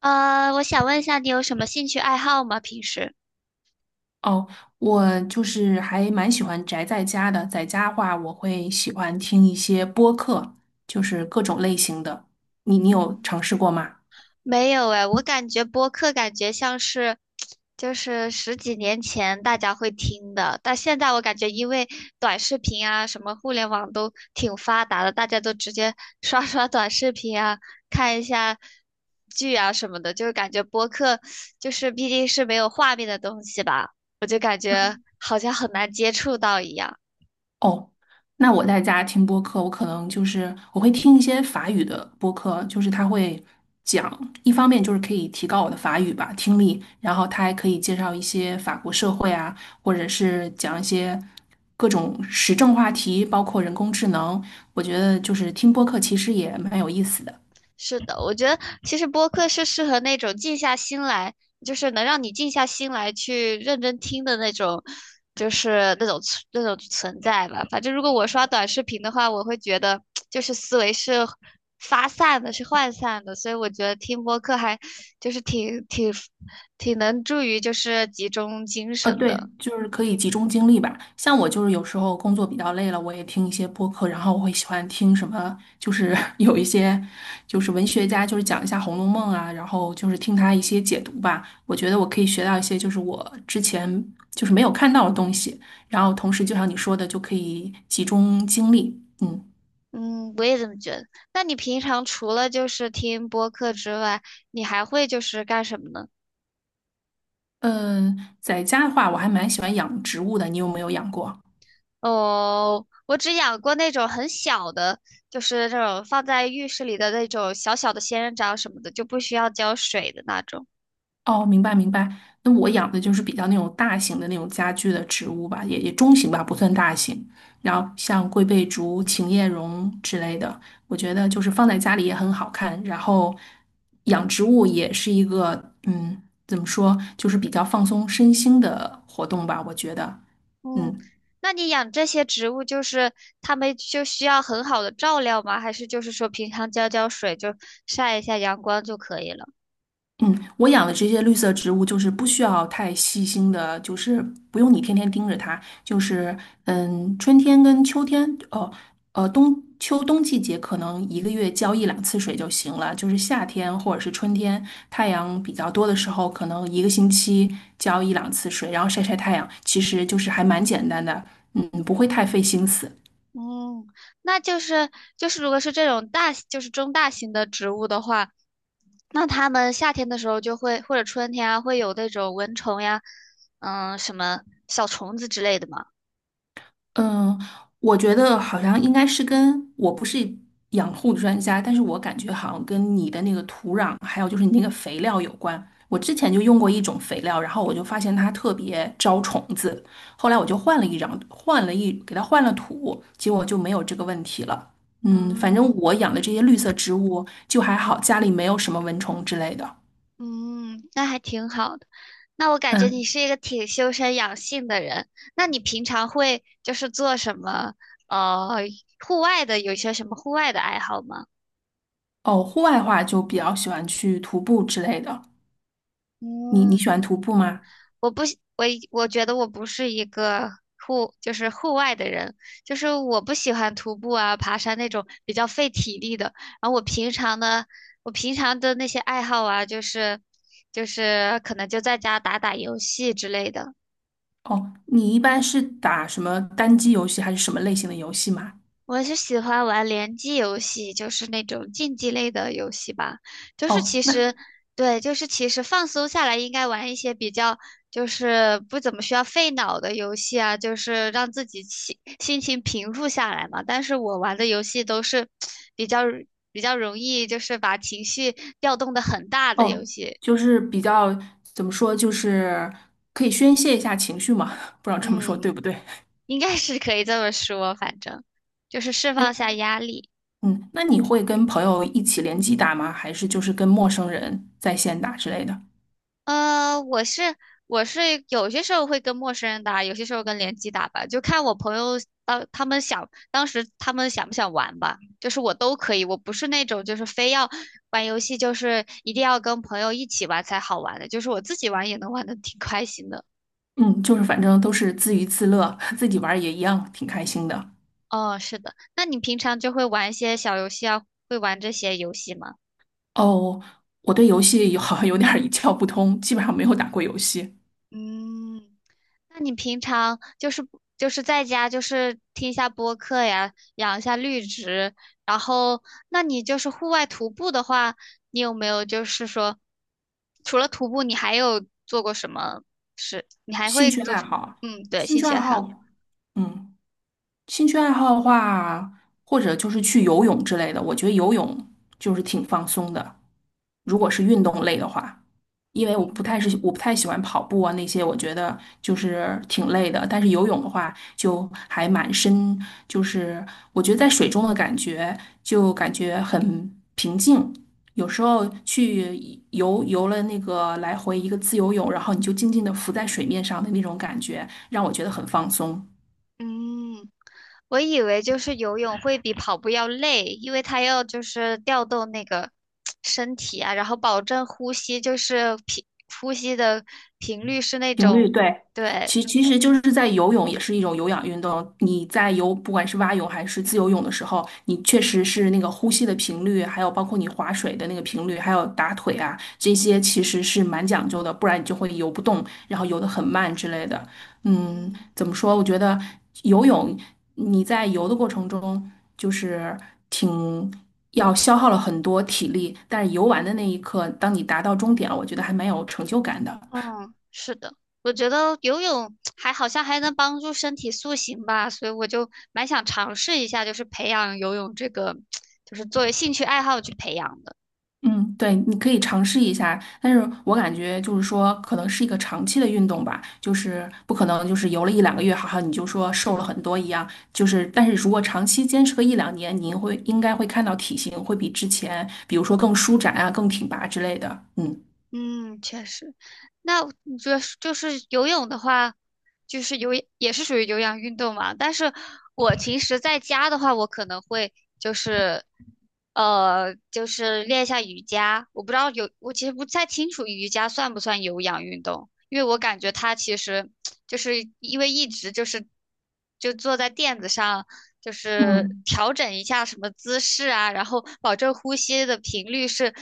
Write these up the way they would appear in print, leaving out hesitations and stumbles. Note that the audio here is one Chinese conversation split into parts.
我想问一下，你有什么兴趣爱好吗？平时？哦，我就是还蛮喜欢宅在家的，在家话我会喜欢听一些播客，就是各种类型的。你有嗯，尝试过吗？没有哎，我感觉播客感觉像是，就是十几年前大家会听的，但现在我感觉因为短视频啊，什么互联网都挺发达的，大家都直接 刷短视频啊，看一下剧啊什么的，就是感觉播客就是毕竟是没有画面的东西吧，好像很难接触到一样。哦，那我在家听播客，我可能就是我会听一些法语的播客，就是他会讲，一方面就是可以提高我的法语吧，听力，然后他还可以介绍一些法国社会啊，或者是讲一些各种时政话题，包括人工智能，我觉得就是听播客其实也蛮有意思的。是的，我觉得其实播客是适合那种静下心来，就是能让你静下心来去认真听的那种，就是那种存在吧。反正如果我刷短视频的话，我会觉得就是思维是发散的，是涣散的，所以我觉得听播客还就是挺能助于就是集中精神的。对，就是可以集中精力吧。像我就是有时候工作比较累了，我也听一些播客，然后我会喜欢听什么，就是 有一些就是文学家，就是讲一下《红楼梦》啊，然后就是听他一些解读吧。我觉得我可以学到一些就是我之前就是没有看到的东西，然后同时就像你说的，就可以集中精力。嗯嗯，我也这么觉得。那你平常除了就是听播客之外，你还会就是干什么呢？嗯，在家的话，我还蛮喜欢养植物的，你有没有养过？哦，我只养过那种很小的，就是这种放在浴室里的那种小小的仙人掌什么的，就不需要浇水的那种。哦，明白明白。那我养的就是比较那种大型的那种家具的植物吧，也中型吧，不算大型。然后像龟背竹、琴叶榕之类的，我觉得就是放在家里也很好看。然后养植物也是一个，怎么说，就是比较放松身心的活动吧，我觉得。嗯，嗯，那你养这些植物，就是它们就需要很好的照料吗？还是就是说平常浇浇水，就晒一下阳光就可以了？嗯，我养的这些绿色植物就是不需要太细心的，就是不用你天天盯着它，春天跟秋天，冬秋冬季节可能一个月浇一两次水就行了，就是夏天或者是春天太阳比较多的时候，可能一个星期浇一两次水，然后晒晒太阳，其实就是还蛮简单的，嗯，不会太费心思。嗯，那就是就是如果是这种大，就是中大型的植物的话，那它们夏天的时候就会，或者春天啊，会有那种蚊虫呀，嗯，什么小虫子之类的吗？嗯，我觉得好像应该是跟我不是养护专家，但是我感觉好像跟你的那个土壤，还有就是你那个肥料有关。我之前就用过一种肥料，然后我就发现它特别招虫子，后来我就换了一张，换了一，给它换了土，结果就没有这个问题了。嗯，反正嗯我养的这些绿色植物就还好，家里没有什么蚊虫之类的。嗯，那还挺好的。那我感觉你嗯，是一个挺修身养性的人。那你平常会就是做什么？呃，户外的有一些什么户外的爱好吗？哦，户外的话就比较喜欢去徒步之类的。你喜嗯，欢徒步吗？我不喜我我觉得我不是一个就是户外的人，就是我不喜欢徒步啊、爬山那种比较费体力的。然后我平常呢，我平常的那些爱好啊，就是就是可能就在家打打游戏之类的。哦，你一般是打什么单机游戏还是什么类型的游戏吗？我是喜欢玩联机游戏，就是那种竞技类的游戏吧。就是哦，其那实，对，就是其实放松下来应该玩一些比较，就是不怎么需要费脑的游戏啊，就是让自己心情平复下来嘛。但是我玩的游戏都是比较比较容易，就是把情绪调动的很大的游哦，戏。就是比较怎么说，就是可以宣泄一下情绪嘛，不知道这么说对嗯，不对？应该是可以这么说，反正就是释放下哎，压力。嗯，那你会跟朋友一起联机打吗？还是就是跟陌生人在线打之类的？呃，我是我是有些时候会跟陌生人打，有些时候跟联机打吧，就看我朋友当时他们想不想玩吧，就是我都可以，我不是那种就是非要玩游戏就是一定要跟朋友一起玩才好玩的，就是我自己玩也能玩的挺开心的。嗯，就是反正都是自娱自乐，自己玩儿也一样，挺开心的。哦，是的，那你平常就会玩一些小游戏啊，会玩这些游戏吗？哦，我对游戏有 好像有点儿一窍不通，基本上没有打过游戏。嗯。那你平常就是就是在家就是听一下播客呀，养一下绿植，然后那你就是户外徒步的话，你有没有就是说，除了徒步，你还有做过什么事？你还兴会趣做爱什么？好，嗯，对，兴兴趣趣爱爱好。好，嗯。兴趣爱好的话，或者就是去游泳之类的，我觉得游泳就是挺放松的。如果是运动类的话，因为我不嗯太是我不太喜欢跑步啊那些，我觉得就是挺累的。但是游泳的话，就还蛮深，就是我觉得在水中的感觉就感觉很平静。有时候去游游了那个来回一个自由泳，然后你就静静的浮在水面上的那种感觉，让我觉得很放松。嗯，我以为就是游泳会比跑步要累，因为它要就是调动那个身体啊，然后保证呼吸，就是呼吸的频率是那频率种。对，对，其实就是在游泳也是一种有氧运动。你在游，不管是蛙泳还是自由泳的时候，你确实是那个呼吸的频率，还有包括你划水的那个频率，还有打腿啊，这些其实是蛮讲究的，不然你就会游不动，然后游得很慢之类的。嗯，嗯，怎么说？我觉得游泳你在游的过程中就是挺要消耗了很多体力，但是游完的那一刻，当你达到终点了，我觉得还蛮有成就感的。嗯，是的，我觉得游泳还好像还能帮助身体塑形吧，所以我就蛮想尝试一下，就是培养游泳这个，就是作为兴趣爱好去培养的。嗯，对，你可以尝试一下，但是我感觉就是说，可能是一个长期的运动吧，就是不可能就是游了一两个月，好像你就说瘦了很多一样，就是但是如果长期坚持个一两年，您会应该会看到体型会比之前，比如说更舒展啊，更挺拔之类的。嗯嗯，确实。那你觉得就是游泳的话，就是有也是属于有氧运动嘛。但是我平时在家的话，我可能会就是就是练一下瑜伽。我不知道有，我其实不太清楚瑜伽算不算有氧运动，因为我感觉它其实就是因为一直就是就坐在垫子上。就是嗯，调整一下什么姿势啊，然后保证呼吸的频率是，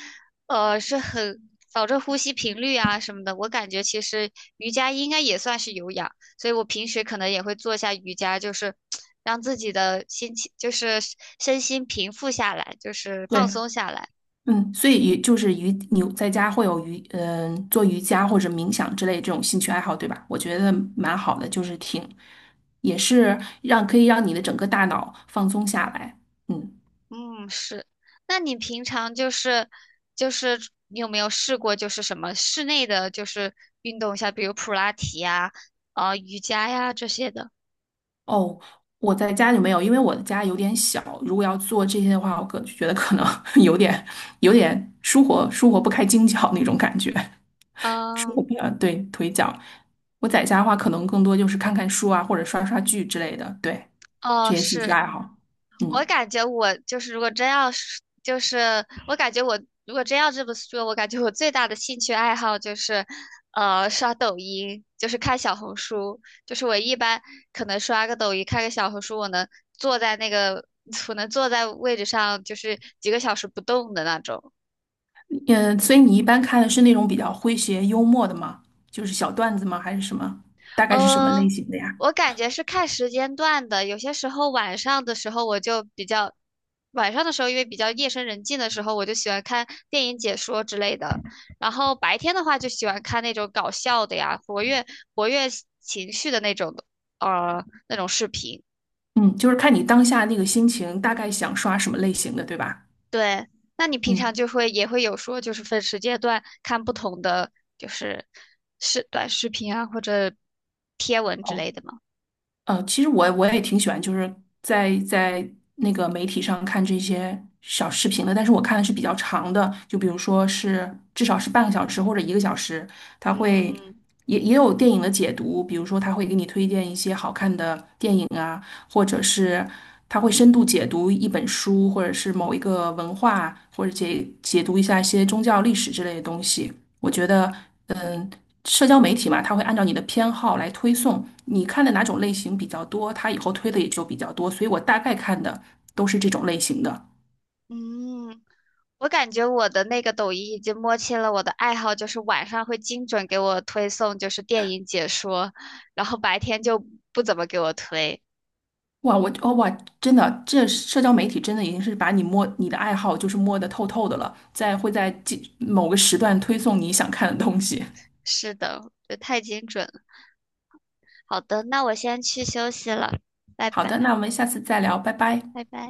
呃，是很保证呼吸频率啊什么的。我感觉其实瑜伽应该也算是有氧。所以我平时可能也会做一下瑜伽，就是让自己的心情，就是身心平复下来，就是放对，松下来。嗯，所以也就是瑜，你在家会有瑜，做瑜伽或者冥想之类这种兴趣爱好，对吧？我觉得蛮好的，就是挺，也是让可以让你的整个大脑放松下来。嗯，嗯，是。那你平常就是就是你有没有试过就是什么室内的，就是运动一下，比如普拉提呀、瑜伽呀这些的？哦，我在家就没有，因为我的家有点小，如果要做这些的话，我可觉得可能 有点有点舒活不开筋脚那种感觉，舒活嗯，不了，对，腿脚。我在家的话，可能更多就是看看书啊，或者刷刷剧之类的，对，哦，这些兴趣是。爱好。我嗯。感觉我就是，如果真要是，就是我感觉我如果真要这么说，我感觉我最大的兴趣爱好就是，刷抖音，就是看小红书。就是我一般可能刷个抖音，看个小红书，我能坐在那个，我能坐在位置上，就是几个小时不动的那种。嗯，所以你一般看的是那种比较诙谐幽默的吗？就是小段子吗？还是什么？大概是什么呃，类型的呀？我感觉是看时间段的，有些时候晚上的时候我就比较，晚上的时候因为比较夜深人静的时候，我就喜欢看电影解说之类的，然后白天的话就喜欢看那种搞笑的呀，活跃情绪的那种，那种视频。嗯，就是看你当下那个心情，大概想刷什么类型的，对吧？对，那你平嗯，常就会也会有说就是分时间段看不同的就是是短视频啊或者贴文之哦，类的吗？其实我也挺喜欢，就是在那个媒体上看这些小视频的，但是我看的是比较长的，就比如说是至少是半个小时或者一个小时，它会嗯也有电影的解读，比如说它会给你推荐一些好看的电影啊，或者是它会深度解读一本书，或者是某一个文化，或者解读一下一些宗教历史之类的东西。我觉得，嗯，社交媒体嘛，它会按照你的偏好来推送，你看的哪种类型比较多，它以后推的也就比较多，所以我大概看的都是这种类型的。嗯。我感觉我的那个抖音已经摸清了我的爱好，就是晚上会精准给我推送就是电影解说，然后白天就不怎么给我推。哇，我哦哇，真的，这社交媒体真的已经是把你摸你的爱好就是摸得透透的了，在某个时段推送你想看的东西。是的，这太精准了。好的，那我先去休息了，拜好的，拜，那我们下次再聊，拜拜。拜拜。